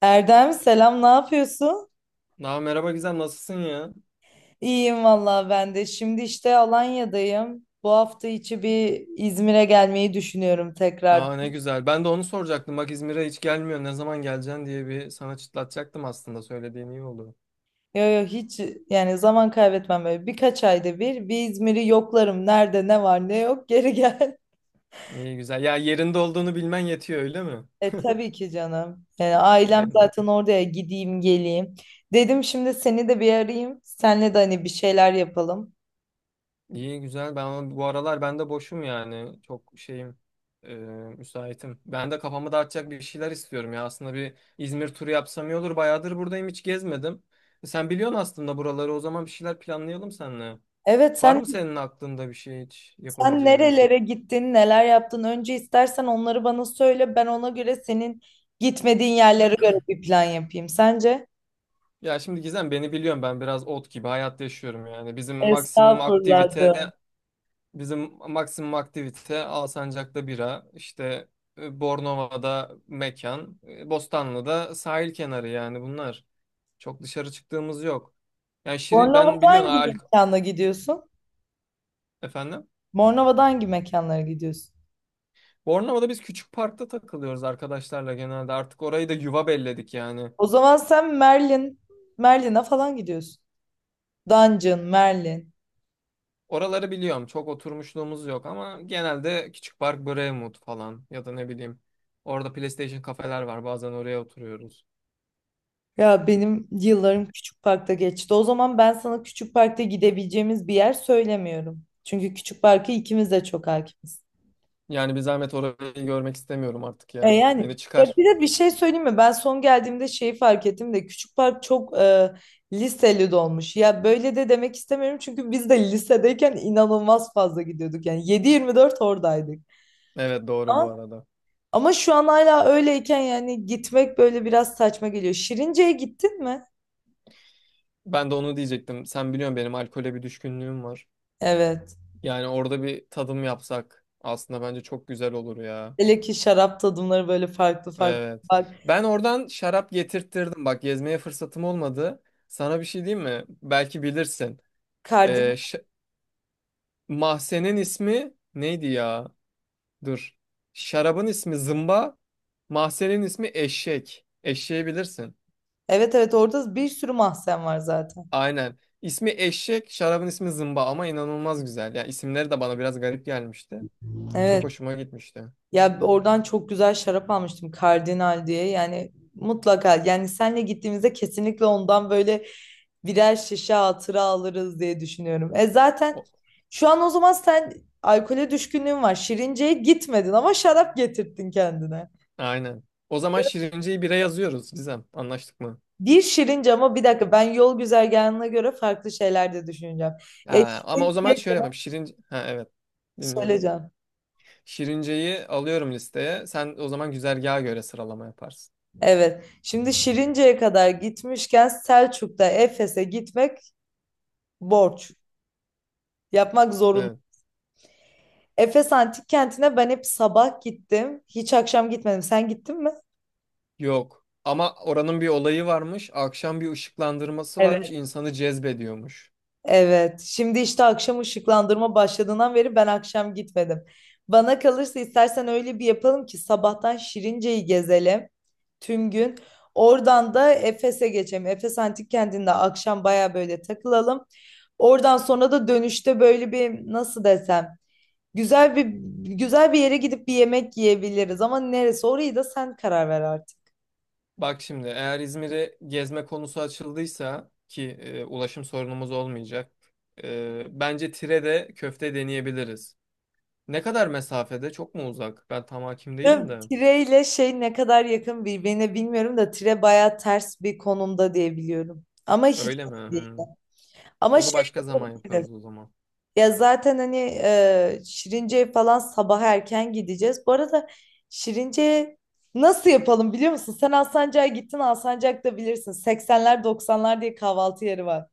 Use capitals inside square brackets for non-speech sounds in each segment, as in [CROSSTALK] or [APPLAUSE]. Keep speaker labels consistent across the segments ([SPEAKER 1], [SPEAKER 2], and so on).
[SPEAKER 1] Erdem selam ne yapıyorsun?
[SPEAKER 2] Aa, merhaba güzel nasılsın ya?
[SPEAKER 1] İyiyim vallahi ben de. Şimdi işte Alanya'dayım. Bu hafta içi bir İzmir'e gelmeyi düşünüyorum tekrar.
[SPEAKER 2] Aa ne güzel. Ben de onu soracaktım. Bak İzmir'e hiç gelmiyor. Ne zaman geleceksin diye bir sana çıtlatacaktım aslında. Söylediğin iyi oldu.
[SPEAKER 1] Yo yo, hiç yani zaman kaybetmem böyle. Birkaç ayda bir İzmir'i yoklarım. Nerede ne var ne yok geri gel. [LAUGHS]
[SPEAKER 2] İyi güzel. Ya yerinde olduğunu bilmen yetiyor öyle mi?
[SPEAKER 1] E tabii ki canım. Yani ailem
[SPEAKER 2] Yani
[SPEAKER 1] zaten oraya gideyim geleyim. Dedim şimdi seni de bir arayayım. Senle de hani bir şeyler yapalım.
[SPEAKER 2] iyi güzel. Ben bu aralar ben de boşum yani. Çok şeyim e, müsaitim. Ben de kafamı dağıtacak bir şeyler istiyorum ya. Aslında bir İzmir turu yapsam iyi olur. Bayağıdır buradayım hiç gezmedim. Sen biliyorsun aslında buraları. O zaman bir şeyler planlayalım seninle.
[SPEAKER 1] Evet,
[SPEAKER 2] Var
[SPEAKER 1] sen
[SPEAKER 2] mı senin aklında bir şey hiç
[SPEAKER 1] sen
[SPEAKER 2] yapabileceğimiz?
[SPEAKER 1] nerelere gittin, neler yaptın? Önce istersen onları bana söyle. Ben ona göre senin gitmediğin yerlere göre bir plan yapayım. Sence?
[SPEAKER 2] Ya şimdi Gizem beni biliyorsun ben biraz ot gibi hayat yaşıyorum yani. Bizim maksimum
[SPEAKER 1] Estağfurullah,
[SPEAKER 2] aktivite
[SPEAKER 1] canım.
[SPEAKER 2] bizim maksimum aktivite Alsancak'ta bira, işte Bornova'da mekan, Bostanlı'da sahil kenarı yani bunlar. Çok dışarı çıktığımız yok. Yani şirin, ben
[SPEAKER 1] Bornova'da
[SPEAKER 2] biliyorsun
[SPEAKER 1] hangi mekana gidiyorsun?
[SPEAKER 2] Efendim.
[SPEAKER 1] Bornova'da hangi mekanlara gidiyorsun?
[SPEAKER 2] Bornova'da biz küçük parkta takılıyoruz arkadaşlarla genelde. Artık orayı da yuva belledik yani.
[SPEAKER 1] O zaman sen Merlin'e falan gidiyorsun. Dungeon, Merlin.
[SPEAKER 2] Oraları biliyorum. Çok oturmuşluğumuz yok ama genelde Küçük Park Brevmood falan ya da ne bileyim. Orada PlayStation kafeler var. Bazen oraya oturuyoruz.
[SPEAKER 1] Ya benim yıllarım Küçük Park'ta geçti. O zaman ben sana Küçük Park'ta gidebileceğimiz bir yer söylemiyorum. Çünkü Küçük Park'ı ikimiz de çok hakimiz.
[SPEAKER 2] Yani bir zahmet orayı görmek istemiyorum artık
[SPEAKER 1] E
[SPEAKER 2] ya.
[SPEAKER 1] yani,
[SPEAKER 2] Beni
[SPEAKER 1] ya
[SPEAKER 2] çıkar.
[SPEAKER 1] bir de bir şey söyleyeyim mi? Ben son geldiğimde şeyi fark ettim de küçük park çok liseli dolmuş. Ya böyle de demek istemiyorum çünkü biz de lisedeyken inanılmaz fazla gidiyorduk. Yani 7/24 oradaydık.
[SPEAKER 2] Evet doğru bu
[SPEAKER 1] Ama,
[SPEAKER 2] arada.
[SPEAKER 1] ama şu an hala öyleyken yani gitmek böyle biraz saçma geliyor. Şirince'ye gittin mi?
[SPEAKER 2] Ben de onu diyecektim. Sen biliyorsun benim alkole bir düşkünlüğüm var.
[SPEAKER 1] Evet.
[SPEAKER 2] Yani orada bir tadım yapsak aslında bence çok güzel olur ya.
[SPEAKER 1] Hele ki şarap tadımları böyle farklı farklı
[SPEAKER 2] Evet.
[SPEAKER 1] var.
[SPEAKER 2] Ben oradan şarap getirttirdim. Bak gezmeye fırsatım olmadı. Sana bir şey diyeyim mi? Belki bilirsin. Ee,
[SPEAKER 1] Kardinal.
[SPEAKER 2] ş- Mahzenin ismi neydi ya? Dur. Şarabın ismi zımba. Mahzenin ismi eşek. Eşeği bilirsin.
[SPEAKER 1] Evet, evet, orada bir sürü mahzen var zaten.
[SPEAKER 2] Aynen. İsmi eşek, şarabın ismi zımba ama inanılmaz güzel. Ya isimleri de bana biraz garip gelmişti. Çok
[SPEAKER 1] Evet.
[SPEAKER 2] hoşuma gitmişti.
[SPEAKER 1] Ya oradan çok güzel şarap almıştım, Kardinal diye. Yani mutlaka, yani senle gittiğimizde kesinlikle ondan böyle birer şişe hatıra alırız diye düşünüyorum. E zaten
[SPEAKER 2] O,
[SPEAKER 1] şu an o zaman sen alkole düşkünlüğün var. Şirince'ye gitmedin ama şarap getirttin kendine.
[SPEAKER 2] aynen. O zaman Şirince'yi bire yazıyoruz Gizem. Anlaştık mı?
[SPEAKER 1] Bir Şirince, ama bir dakika, ben yol güzergahına göre farklı şeyler de düşüneceğim.
[SPEAKER 2] Ha, ama o zaman
[SPEAKER 1] Şirince
[SPEAKER 2] şöyle yapalım. Ha evet. Dinliyorum.
[SPEAKER 1] söyleyeceğim.
[SPEAKER 2] Şirince'yi alıyorum listeye. Sen o zaman güzergaha göre sıralama yaparsın.
[SPEAKER 1] Evet. Şimdi Şirince'ye kadar gitmişken Selçuk'ta Efes'e gitmek borç. Yapmak zorunda.
[SPEAKER 2] Evet.
[SPEAKER 1] Efes Antik Kenti'ne ben hep sabah gittim. Hiç akşam gitmedim. Sen gittin mi?
[SPEAKER 2] Yok. Ama oranın bir olayı varmış. Akşam bir ışıklandırması
[SPEAKER 1] Evet.
[SPEAKER 2] varmış. İnsanı cezbediyormuş.
[SPEAKER 1] Evet. Şimdi işte akşam ışıklandırma başladığından beri ben akşam gitmedim. Bana kalırsa istersen öyle bir yapalım ki sabahtan Şirince'yi gezelim tüm gün. Oradan da Efes'e geçelim. Efes Antik Kenti'nde akşam baya böyle takılalım. Oradan sonra da dönüşte böyle bir nasıl desem güzel bir güzel bir yere gidip bir yemek yiyebiliriz ama neresi, orayı da sen karar ver artık.
[SPEAKER 2] Bak şimdi eğer İzmir'e gezme konusu açıldıysa ki ulaşım sorunumuz olmayacak. Bence tire de köfte deneyebiliriz. Ne kadar mesafede? Çok mu uzak? Ben tam hakim
[SPEAKER 1] Değil mi?
[SPEAKER 2] değilim de.
[SPEAKER 1] Tire ile şey ne kadar yakın birbirine bilmiyorum da tire baya ters bir konumda diye biliyorum. Ama hiç
[SPEAKER 2] Öyle mi?
[SPEAKER 1] değil.
[SPEAKER 2] Hmm.
[SPEAKER 1] Ama
[SPEAKER 2] Onu
[SPEAKER 1] şey
[SPEAKER 2] başka zaman
[SPEAKER 1] yapabiliriz.
[SPEAKER 2] yaparız o zaman.
[SPEAKER 1] Ya zaten hani Şirince'ye falan sabah erken gideceğiz. Bu arada Şirince'ye nasıl yapalım biliyor musun? Sen Alsancak'a gittin, Alsancak'ta bilirsin. 80'ler 90'lar diye kahvaltı yeri var.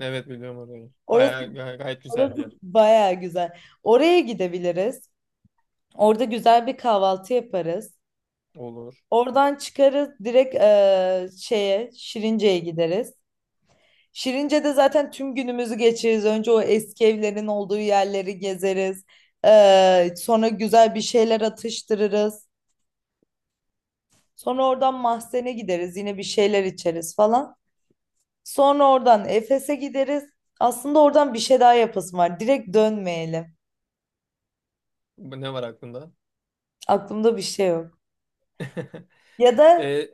[SPEAKER 2] Evet biliyorum orayı.
[SPEAKER 1] Orası,
[SPEAKER 2] Bayağı gayet güzel
[SPEAKER 1] orası
[SPEAKER 2] bir yer.
[SPEAKER 1] baya güzel. Oraya gidebiliriz. Orada güzel bir kahvaltı yaparız.
[SPEAKER 2] Olur.
[SPEAKER 1] Oradan çıkarız direkt şeye, Şirince'ye gideriz. Şirince'de zaten tüm günümüzü geçiririz. Önce o eski evlerin olduğu yerleri gezeriz. Sonra güzel bir şeyler atıştırırız. Sonra oradan Mahzen'e gideriz. Yine bir şeyler içeriz falan. Sonra oradan Efes'e gideriz. Aslında oradan bir şey daha yapasım var. Direkt dönmeyelim.
[SPEAKER 2] Ne var aklında?
[SPEAKER 1] Aklımda bir şey yok.
[SPEAKER 2] [LAUGHS]
[SPEAKER 1] Ya da
[SPEAKER 2] E,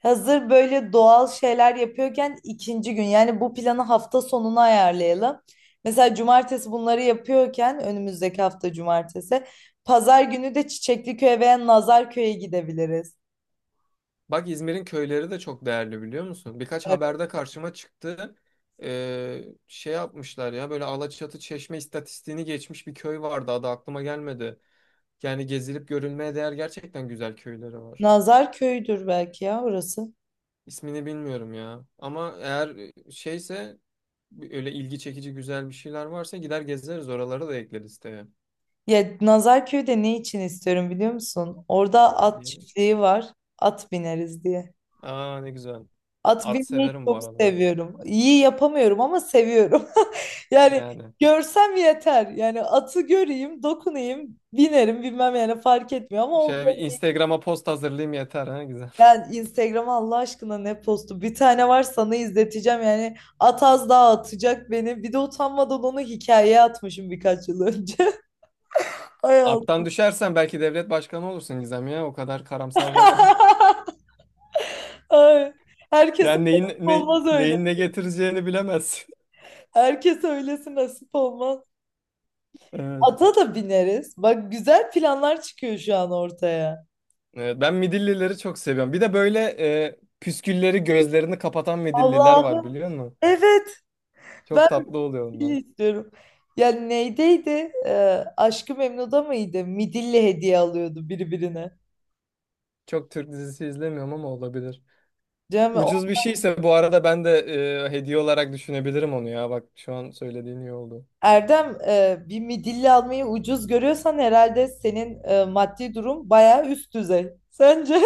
[SPEAKER 1] Hazır böyle doğal şeyler yapıyorken ikinci gün, yani bu planı hafta sonuna ayarlayalım. Mesela cumartesi bunları yapıyorken önümüzdeki hafta cumartesi, pazar günü de Çiçekliköy'e veya Nazarköy'e gidebiliriz.
[SPEAKER 2] Bak İzmir'in köyleri de çok değerli biliyor musun? Birkaç
[SPEAKER 1] Evet.
[SPEAKER 2] haberde karşıma çıktı. Şey yapmışlar ya böyle Alaçatı Çeşme istatistiğini geçmiş bir köy vardı adı aklıma gelmedi. Yani gezilip görülmeye değer gerçekten güzel köyleri var.
[SPEAKER 1] Nazarköy'dür belki ya orası.
[SPEAKER 2] İsmini bilmiyorum ya. Ama eğer şeyse öyle ilgi çekici güzel bir şeyler varsa gider gezeriz oraları da ekleriz tabii.
[SPEAKER 1] Ya Nazarköy'de ne için istiyorum biliyor musun? Orada at çiftliği var. At bineriz diye.
[SPEAKER 2] Aa ne güzel.
[SPEAKER 1] At
[SPEAKER 2] At
[SPEAKER 1] binmeyi
[SPEAKER 2] severim bu
[SPEAKER 1] çok
[SPEAKER 2] arada.
[SPEAKER 1] seviyorum. İyi yapamıyorum ama seviyorum. Yani
[SPEAKER 2] Yani
[SPEAKER 1] görsem yeter. Yani atı göreyim, dokunayım, binerim bilmem yani fark etmiyor, ama o,
[SPEAKER 2] şöyle bir Instagram'a post hazırlayayım yeter ha güzel.
[SPEAKER 1] yani Instagram'a Allah aşkına ne postu. Bir tane var sana izleteceğim, yani at az daha atacak beni. Bir de utanmadan onu hikayeye atmışım birkaç yıl önce. [LAUGHS] Ay
[SPEAKER 2] Attan
[SPEAKER 1] Allah.
[SPEAKER 2] düşersen belki devlet başkanı olursun Gizem ya. O kadar karamsar bakma.
[SPEAKER 1] [LAUGHS] Ay. Herkese
[SPEAKER 2] Yani
[SPEAKER 1] nasip olmaz öyle.
[SPEAKER 2] neyin ne getireceğini bilemezsin. [LAUGHS]
[SPEAKER 1] Herkese öylesi nasip olmaz.
[SPEAKER 2] Evet.
[SPEAKER 1] Ata da bineriz. Bak güzel planlar çıkıyor şu an ortaya.
[SPEAKER 2] Evet, ben midillileri çok seviyorum. Bir de böyle püskülleri gözlerini kapatan midilliler var
[SPEAKER 1] Allah'ım.
[SPEAKER 2] biliyor musun?
[SPEAKER 1] Evet.
[SPEAKER 2] Çok tatlı oluyor
[SPEAKER 1] Midilli
[SPEAKER 2] onlar.
[SPEAKER 1] istiyorum. Ya neydeydi? Aşk-ı Memnu'da mıydı? Midilli hediye alıyordu birbirine.
[SPEAKER 2] Çok Türk dizisi izlemiyorum ama olabilir.
[SPEAKER 1] Cem, o-
[SPEAKER 2] Ucuz bir şeyse bu arada ben de hediye olarak düşünebilirim onu ya. Bak şu an söylediğin iyi oldu.
[SPEAKER 1] Erdem, bir midilli almayı ucuz görüyorsan herhalde senin maddi durum bayağı üst düzey. Sence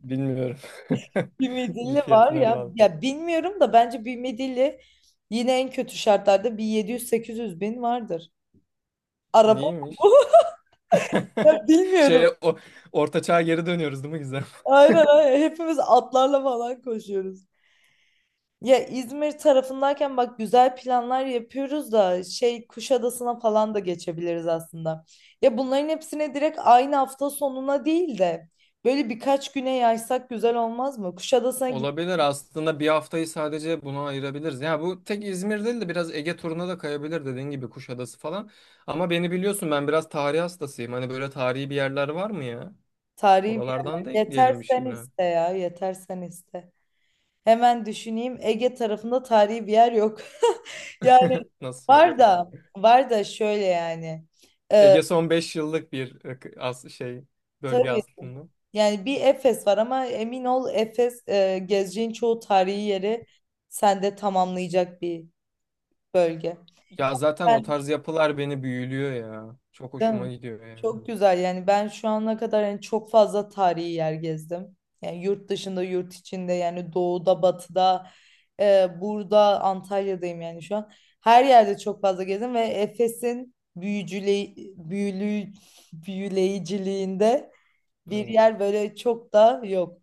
[SPEAKER 2] Bilmiyorum.
[SPEAKER 1] [LAUGHS] bir
[SPEAKER 2] [LAUGHS] Bir
[SPEAKER 1] midilli var
[SPEAKER 2] fiyatına
[SPEAKER 1] ya.
[SPEAKER 2] bağlı.
[SPEAKER 1] Ya bilmiyorum da bence bir midilli yine en kötü şartlarda bir 700-800 bin vardır. Araba [LAUGHS] bu.
[SPEAKER 2] Neymiş? [LAUGHS]
[SPEAKER 1] Ya bilmiyorum.
[SPEAKER 2] Şey o orta çağa geri dönüyoruz değil mi Gizem?
[SPEAKER 1] Aynen, aynen. Hepimiz atlarla falan koşuyoruz. Ya İzmir tarafındayken bak güzel planlar yapıyoruz da şey Kuşadası'na falan da geçebiliriz aslında. Ya bunların hepsine direkt aynı hafta sonuna değil de böyle birkaç güne yaysak güzel olmaz mı? Kuşadası'na git
[SPEAKER 2] Olabilir aslında bir haftayı sadece buna ayırabiliriz. Ya bu tek İzmir değil de biraz Ege turuna da kayabilir dediğin gibi Kuşadası falan. Ama beni biliyorsun ben biraz tarih hastasıyım. Hani böyle tarihi bir yerler var mı ya?
[SPEAKER 1] Tarihi bir
[SPEAKER 2] Oralardan da
[SPEAKER 1] yerler. Yeter
[SPEAKER 2] ekleyelim bir
[SPEAKER 1] sen
[SPEAKER 2] şeyine.
[SPEAKER 1] iste ya, yeter sen iste. Hemen düşüneyim. Ege tarafında tarihi bir yer yok. [LAUGHS] Yani
[SPEAKER 2] [LAUGHS] Nasıl
[SPEAKER 1] var
[SPEAKER 2] yok ya?
[SPEAKER 1] da var da şöyle yani. Ee,
[SPEAKER 2] Ege son 5 yıllık bir ık- as şey bölge
[SPEAKER 1] tabii,
[SPEAKER 2] aslında.
[SPEAKER 1] yani bir Efes var ama emin ol Efes, gezeceğin çoğu tarihi yeri sende tamamlayacak bir bölge.
[SPEAKER 2] Ya zaten o
[SPEAKER 1] Ben
[SPEAKER 2] tarz yapılar beni büyülüyor ya. Çok hoşuma
[SPEAKER 1] ben-
[SPEAKER 2] gidiyor yani.
[SPEAKER 1] Çok güzel, yani ben şu ana kadar yani çok fazla tarihi yer gezdim. Yani yurt dışında, yurt içinde, yani doğuda batıda, burada Antalya'dayım yani şu an. Her yerde çok fazla gezdim ve Efes'in büyücüle büyülü büyüleyiciliğinde bir
[SPEAKER 2] Evet.
[SPEAKER 1] yer böyle çok da yok.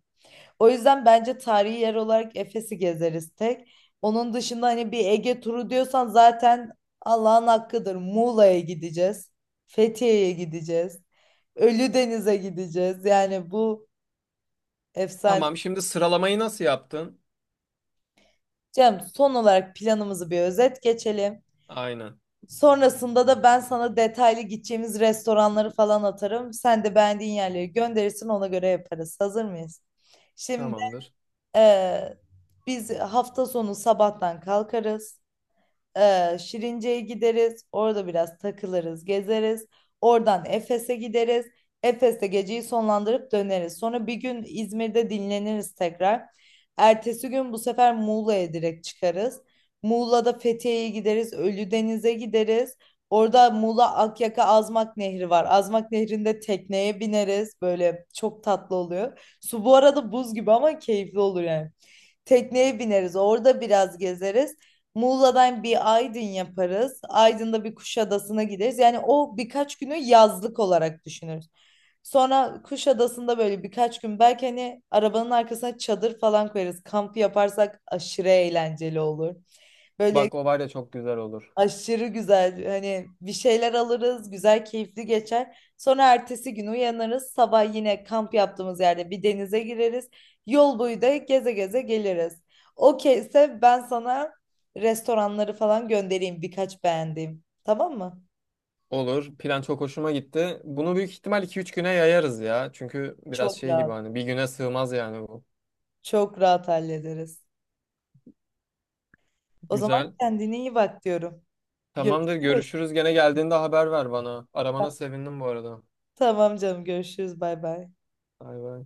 [SPEAKER 1] O yüzden bence tarihi yer olarak Efes'i gezeriz tek. Onun dışında hani bir Ege turu diyorsan zaten Allah'ın hakkıdır. Muğla'ya gideceğiz. Fethiye'ye gideceğiz. Ölüdeniz'e gideceğiz. Yani bu efsane.
[SPEAKER 2] Tamam şimdi sıralamayı nasıl yaptın?
[SPEAKER 1] Cem, son olarak planımızı bir özet geçelim.
[SPEAKER 2] Aynen.
[SPEAKER 1] Sonrasında da ben sana detaylı gideceğimiz restoranları falan atarım. Sen de beğendiğin yerleri gönderirsin, ona göre yaparız. Hazır mıyız? Şimdi
[SPEAKER 2] Tamamdır.
[SPEAKER 1] eee, biz hafta sonu sabahtan kalkarız. Şirince'ye gideriz. Orada biraz takılırız, gezeriz. Oradan Efes'e gideriz. Efes'te geceyi sonlandırıp döneriz. Sonra bir gün İzmir'de dinleniriz tekrar. Ertesi gün bu sefer Muğla'ya direkt çıkarız. Muğla'da Fethiye'ye gideriz. Ölüdeniz'e gideriz. Orada Muğla Akyaka Azmak Nehri var. Azmak Nehri'nde tekneye bineriz. Böyle çok tatlı oluyor. Su bu arada buz gibi ama keyifli olur yani. Tekneye bineriz. Orada biraz gezeriz. Muğla'dan bir Aydın yaparız. Aydın'da bir Kuşadası'na gideriz. Yani o birkaç günü yazlık olarak düşünürüz. Sonra Kuşadası'nda böyle birkaç gün belki hani arabanın arkasına çadır falan koyarız. Kamp yaparsak aşırı eğlenceli olur. Böyle
[SPEAKER 2] Bak o var ya çok güzel olur.
[SPEAKER 1] aşırı güzel. Hani bir şeyler alırız, güzel, keyifli geçer. Sonra ertesi gün uyanırız. Sabah yine kamp yaptığımız yerde bir denize gireriz. Yol boyu da geze geze geliriz. Okeyse ben sana restoranları falan göndereyim, birkaç beğendiğim. Tamam mı?
[SPEAKER 2] Olur. Plan çok hoşuma gitti. Bunu büyük ihtimal 2 3 güne yayarız ya. Çünkü biraz
[SPEAKER 1] Çok
[SPEAKER 2] şey gibi
[SPEAKER 1] rahat.
[SPEAKER 2] hani bir güne sığmaz yani bu.
[SPEAKER 1] Çok rahat hallederiz. O zaman
[SPEAKER 2] Güzel.
[SPEAKER 1] kendine iyi bak diyorum.
[SPEAKER 2] Tamamdır.
[SPEAKER 1] Görüşürüz.
[SPEAKER 2] Görüşürüz. Gene geldiğinde haber ver bana. Aramana sevindim bu arada.
[SPEAKER 1] Tamam canım, görüşürüz. Bay bay.
[SPEAKER 2] Bay bay.